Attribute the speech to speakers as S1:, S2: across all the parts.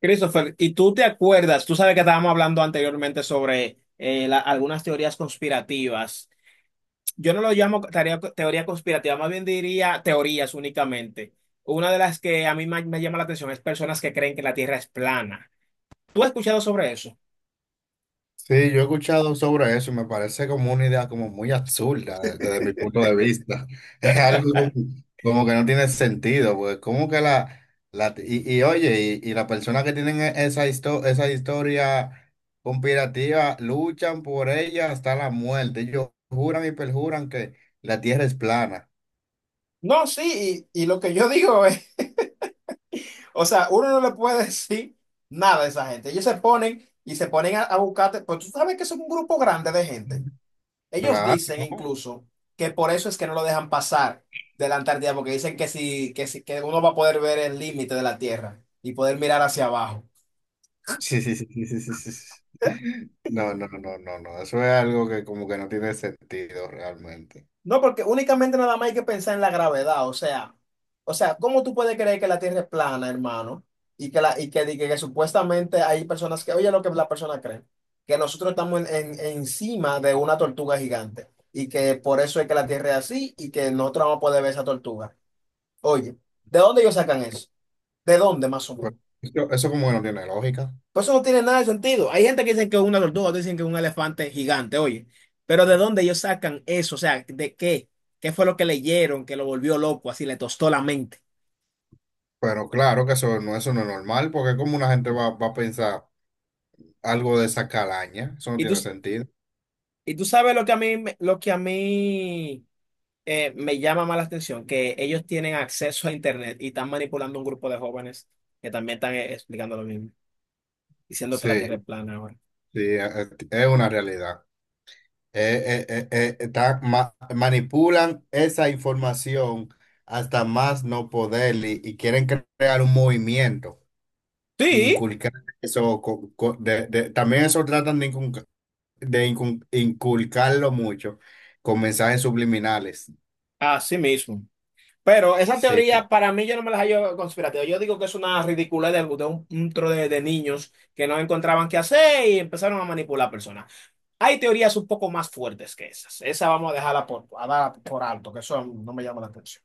S1: Christopher, ¿y tú te acuerdas? Tú sabes que estábamos hablando anteriormente sobre algunas teorías conspirativas. Yo no lo llamo teoría, teoría conspirativa, más bien diría teorías únicamente. Una de las que a mí llama la atención es personas que creen que la Tierra es plana. ¿Tú has escuchado sobre eso?
S2: Sí, yo he escuchado sobre eso y me parece como una idea como muy absurda desde mi punto de vista. Es algo como, como que no tiene sentido, pues como que la oye, y las personas que tienen esa historia conspirativa luchan por ella hasta la muerte. Ellos juran y perjuran que la tierra es plana.
S1: No, sí, y lo que yo digo es, o sea, uno no le puede decir nada a esa gente. Ellos se ponen y se ponen a buscarte, pues tú sabes que es un grupo grande de gente. Ellos
S2: Claro,
S1: dicen
S2: no.
S1: incluso que por eso es que no lo dejan pasar de la Antártida, porque dicen que si, que si- que uno va a poder ver el límite de la Tierra y poder mirar hacia abajo.
S2: Sí, sí, sí, sí, sí, sí, sí, sí. No, no, no, no, no. Eso es algo que como que no tiene sentido realmente.
S1: No, porque únicamente nada más hay que pensar en la gravedad, o sea, ¿cómo tú puedes creer que la Tierra es plana, hermano? Y que supuestamente hay personas que, oye, lo que las personas creen, que nosotros estamos encima de una tortuga gigante y que por eso es que la Tierra es así y que nosotros vamos a poder ver esa tortuga. Oye, ¿de dónde ellos sacan eso? ¿De dónde más o
S2: Pues,
S1: menos?
S2: eso como que no tiene lógica.
S1: Pues eso no tiene nada de sentido. Hay gente que dice que es una tortuga, otros dicen que es un elefante gigante, oye. Pero ¿de dónde ellos sacan eso? O sea, ¿de qué? ¿Qué fue lo que leyeron que lo volvió loco, así le tostó la mente?
S2: Pero claro que eso no es normal, porque como una gente va a pensar algo de esa calaña, eso no
S1: Y tú,
S2: tiene sentido.
S1: y tú sabes lo que a mí me llama más la atención, que ellos tienen acceso a Internet y están manipulando un grupo de jóvenes que también están explicando lo mismo, diciendo que la Tierra es
S2: Sí,
S1: plana ahora.
S2: sí, es una realidad. Manipulan esa información hasta más no poder y quieren crear un movimiento e
S1: Sí,
S2: inculcar eso. También eso tratan de, inculcarlo mucho con mensajes subliminales.
S1: así mismo. Pero esa
S2: Sí.
S1: teoría para mí yo no me la hallo conspirativa. Yo digo que es una ridiculez de, un tro de niños que no encontraban qué hacer y empezaron a manipular personas. Hay teorías un poco más fuertes que esas. Esa vamos a dejarla por, a dar por alto, que eso no me llama la atención.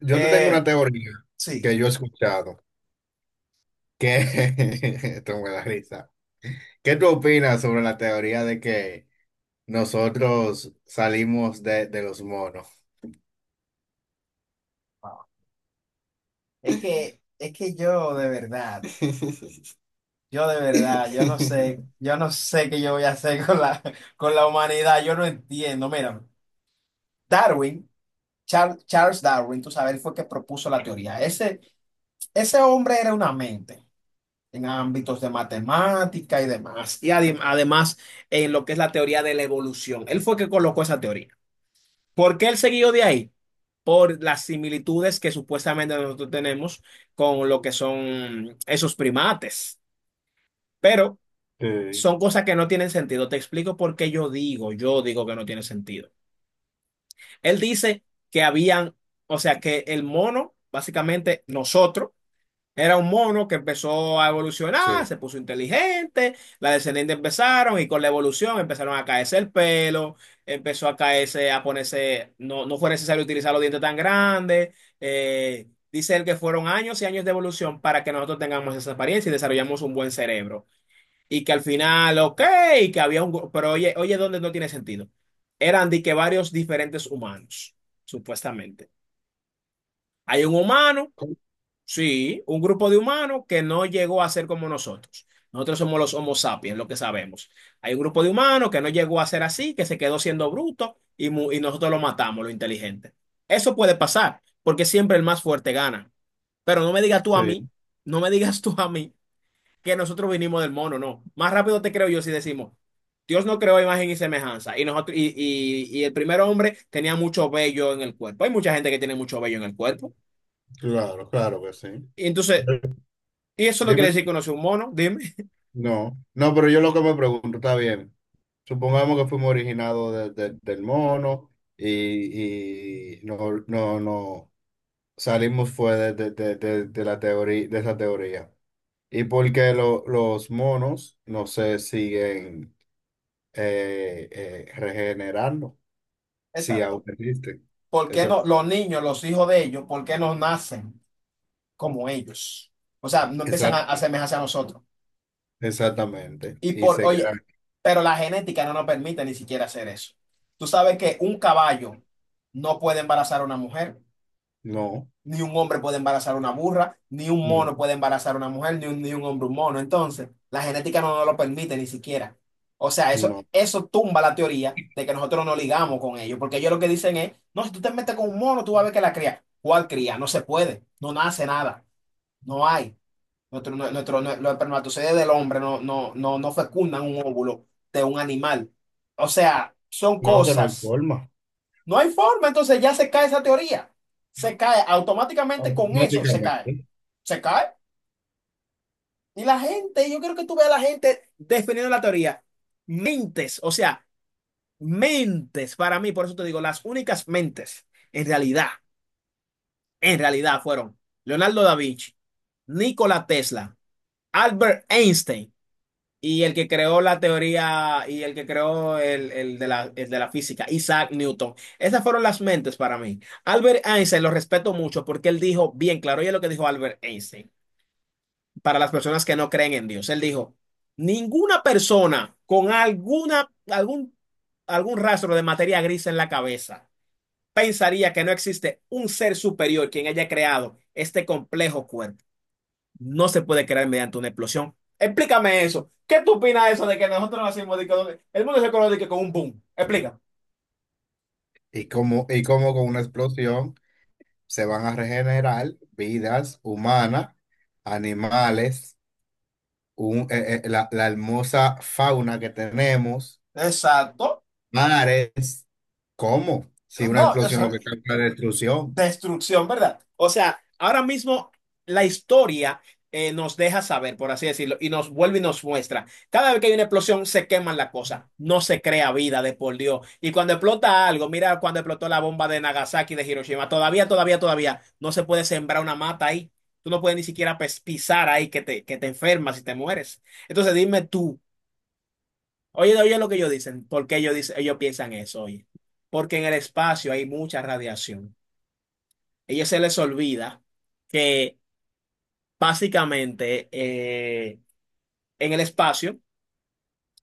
S2: Yo te tengo
S1: Eh,
S2: una teoría
S1: sí,
S2: que yo he escuchado, que esto me da risa. ¿Qué tú opinas sobre la teoría de que nosotros salimos de los monos?
S1: wow. Es que yo de verdad, yo de verdad, yo no sé, yo no sé qué yo voy a hacer con la humanidad, yo no entiendo. Mira, Darwin, Charles Darwin, tú sabes, él fue el que propuso la teoría. Ese hombre era una mente en ámbitos de matemática y demás, y además en lo que es la teoría de la evolución. Él fue que colocó esa teoría. ¿Por qué él siguió de ahí? Por las similitudes que supuestamente nosotros tenemos con lo que son esos primates. Pero
S2: Sí,
S1: son cosas que no tienen sentido. Te explico por qué yo digo que no tiene sentido. Él dice que habían, o sea, que el mono, básicamente nosotros, era un mono que empezó a evolucionar,
S2: sí.
S1: se puso inteligente, las descendientes empezaron y con la evolución empezaron a caerse el pelo, empezó a caerse, a ponerse, no, no fue necesario utilizar los dientes tan grandes. Dice él que fueron años y años de evolución para que nosotros tengamos esa apariencia y desarrollamos un buen cerebro. Y que al final, ok, que había Pero oye, ¿dónde no tiene sentido? Eran de que varios diferentes humanos, supuestamente. Hay un humano. Sí, un grupo de humanos que no llegó a ser como nosotros. Nosotros somos los Homo sapiens, lo que sabemos. Hay un grupo de humanos que no llegó a ser así, que se quedó siendo bruto y nosotros lo matamos, lo inteligente. Eso puede pasar, porque siempre el más fuerte gana. Pero no me digas tú a
S2: Sí,
S1: mí, no me digas tú a mí que nosotros vinimos del mono, no. Más rápido te creo yo si decimos, Dios no creó imagen y semejanza. Y nosotros, y el primer hombre tenía mucho vello en el cuerpo. Hay mucha gente que tiene mucho vello en el cuerpo.
S2: claro, claro que sí.
S1: Y entonces y eso no
S2: Dime.
S1: quiere decir que uno sea un mono, dime.
S2: No, no, pero yo lo que me pregunto, está bien. Supongamos que fuimos originados del mono y, no salimos fue de la teoría, de esa teoría. Y porque los monos no se siguen regenerando, si aún
S1: Exacto.
S2: existen.
S1: ¿Por qué
S2: Eso,
S1: no los niños, los hijos de ellos, por qué no nacen como ellos? O sea, no empiezan a
S2: exact-
S1: a asemejarse a nosotros.
S2: exactamente.
S1: Y
S2: Y
S1: por,
S2: se
S1: oye,
S2: quedan,
S1: pero la genética no nos permite ni siquiera hacer eso. Tú sabes que un caballo no puede embarazar a una mujer.
S2: no,
S1: Ni un hombre puede embarazar una burra, ni un
S2: no,
S1: mono puede embarazar una mujer, ni un hombre un mono. Entonces, la genética no nos lo permite ni siquiera. O sea, eso,
S2: no,
S1: eso tumba la teoría de que nosotros no ligamos con ellos, porque ellos lo que dicen es, no, si tú te metes con un mono, tú vas a ver que la cría. ¿Cuál cría? No se puede, no nace nada, no hay. Los espermatozoides del hombre no fecundan un óvulo de un animal. O sea, son
S2: no, que no hay
S1: cosas
S2: forma.
S1: no hay forma, entonces ya se cae esa teoría. Se cae, automáticamente con eso se
S2: Automáticamente.
S1: cae. Se cae. Y la gente, yo quiero que tú veas a la gente defendiendo la teoría. Mentes, o sea, mentes para mí, por eso te digo, las únicas mentes en realidad, en realidad fueron Leonardo da Vinci, Nikola Tesla, Albert Einstein y el que creó la teoría y el que creó el de la física, Isaac Newton. Esas fueron las mentes para mí. Albert Einstein lo respeto mucho porque él dijo bien claro, oye lo que dijo Albert Einstein, para las personas que no creen en Dios. Él dijo, ninguna persona con algún rastro de materia gris en la cabeza pensaría que no existe un ser superior quien haya creado este complejo cuerpo no se puede crear mediante una explosión. Explícame eso. ¿Qué tú opinas de eso de que nosotros nacimos de el mundo se conoce de que con un boom? Explica.
S2: Y como con una explosión se van a regenerar vidas humanas, animales, la hermosa fauna que tenemos,
S1: Exacto.
S2: mares. ¿Cómo? Si una
S1: No, eso,
S2: explosión lo que causa es la destrucción.
S1: Destrucción, ¿verdad? O sea, ahora mismo la historia nos deja saber, por así decirlo, y nos vuelve y nos muestra. Cada vez que hay una explosión, se queman las cosas. No se crea vida de por Dios. Y cuando explota algo, mira cuando explotó la bomba de Nagasaki de Hiroshima, todavía no se puede sembrar una mata ahí. Tú no puedes ni siquiera pisar ahí que te enfermas y te mueres. Entonces dime tú, oye, oye lo que ellos dicen, ¿por qué ellos piensan eso, oye? Porque en el espacio hay mucha radiación ellos se les olvida que básicamente en el espacio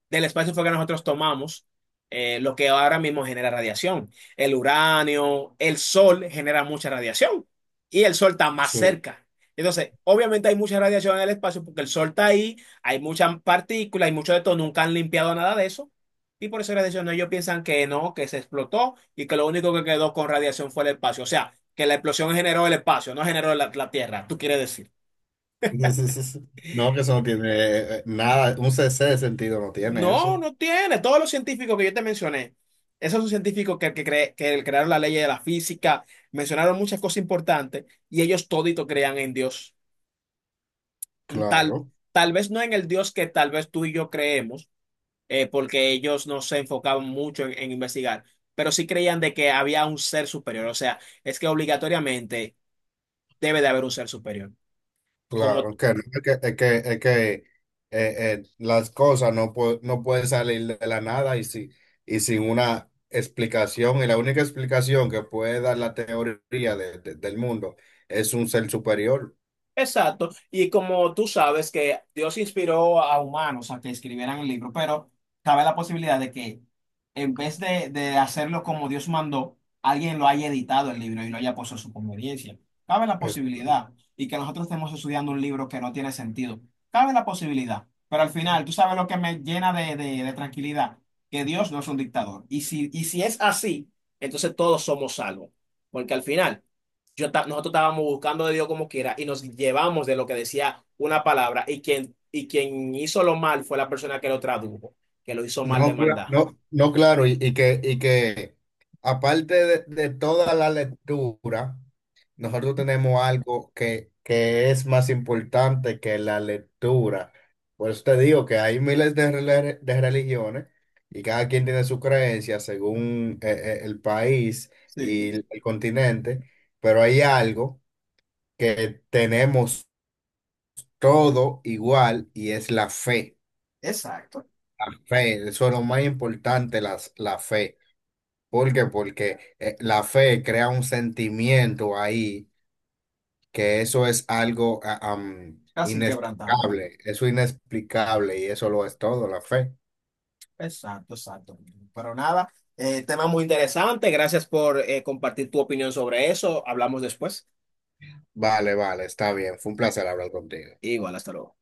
S1: del espacio fue que nosotros tomamos lo que ahora mismo genera radiación. El uranio, el sol genera mucha radiación y el sol está más
S2: Sí.
S1: cerca. Entonces, obviamente hay mucha radiación en el espacio porque el sol está ahí, hay muchas partículas, hay mucho de todo, nunca han limpiado nada de eso. Y por eso la radiación, ellos piensan que no, que se explotó y que lo único que quedó con radiación fue el espacio. O sea, que la explosión generó el espacio, no generó la Tierra, tú quieres decir.
S2: Sí, sí, sí, sí. No, que eso no tiene nada, un CC de sentido no tiene
S1: No,
S2: eso.
S1: no tiene. Todos los científicos que yo te mencioné, esos son científicos que crearon la ley de la física, mencionaron muchas cosas importantes y ellos todito crean en Dios. Mm, Tal,
S2: Claro.
S1: tal vez no en el Dios que tal vez tú y yo creemos, porque ellos no se enfocaban mucho en investigar, pero sí creían de que había un ser superior. O sea, es que obligatoriamente debe de haber un ser superior. Como
S2: Claro, que no, es que las cosas no, no pueden salir de la nada y, si, y sin una explicación. Y la única explicación que puede dar la teoría del mundo es un ser superior.
S1: exacto, y como tú sabes que Dios inspiró a humanos a que escribieran el libro, pero cabe la posibilidad de que en vez de hacerlo como Dios mandó, alguien lo haya editado el libro y lo haya puesto a su conveniencia. Cabe la
S2: Es-
S1: posibilidad y que nosotros estemos estudiando un libro que no tiene sentido. Cabe la posibilidad, pero al final, tú sabes lo que me llena de tranquilidad, que Dios no es un dictador. Y si es así, entonces todos somos salvos, porque al final nosotros estábamos buscando de Dios como quiera y nos llevamos de lo que decía una palabra y y quien hizo lo mal fue la persona que lo tradujo, que lo hizo mal de
S2: no,
S1: maldad.
S2: no, no, claro, y, y que aparte de toda la lectura. Nosotros tenemos algo que es más importante que la lectura. Por eso te digo que hay miles de, de religiones y cada quien tiene su creencia según el país y
S1: Sí,
S2: el continente, pero hay algo que tenemos todo igual y es la fe.
S1: exacto.
S2: Fe, eso es lo más importante, la fe. ¿Por qué? Porque la fe crea un sentimiento ahí que eso es algo
S1: Casi inquebrantable.
S2: inexplicable, eso es inexplicable y eso lo es todo, la fe.
S1: Exacto, exacto. Pero nada, tema muy interesante, gracias por compartir tu opinión sobre eso, hablamos después.
S2: Vale, vale, está bien, fue un placer hablar contigo.
S1: Igual, hasta luego.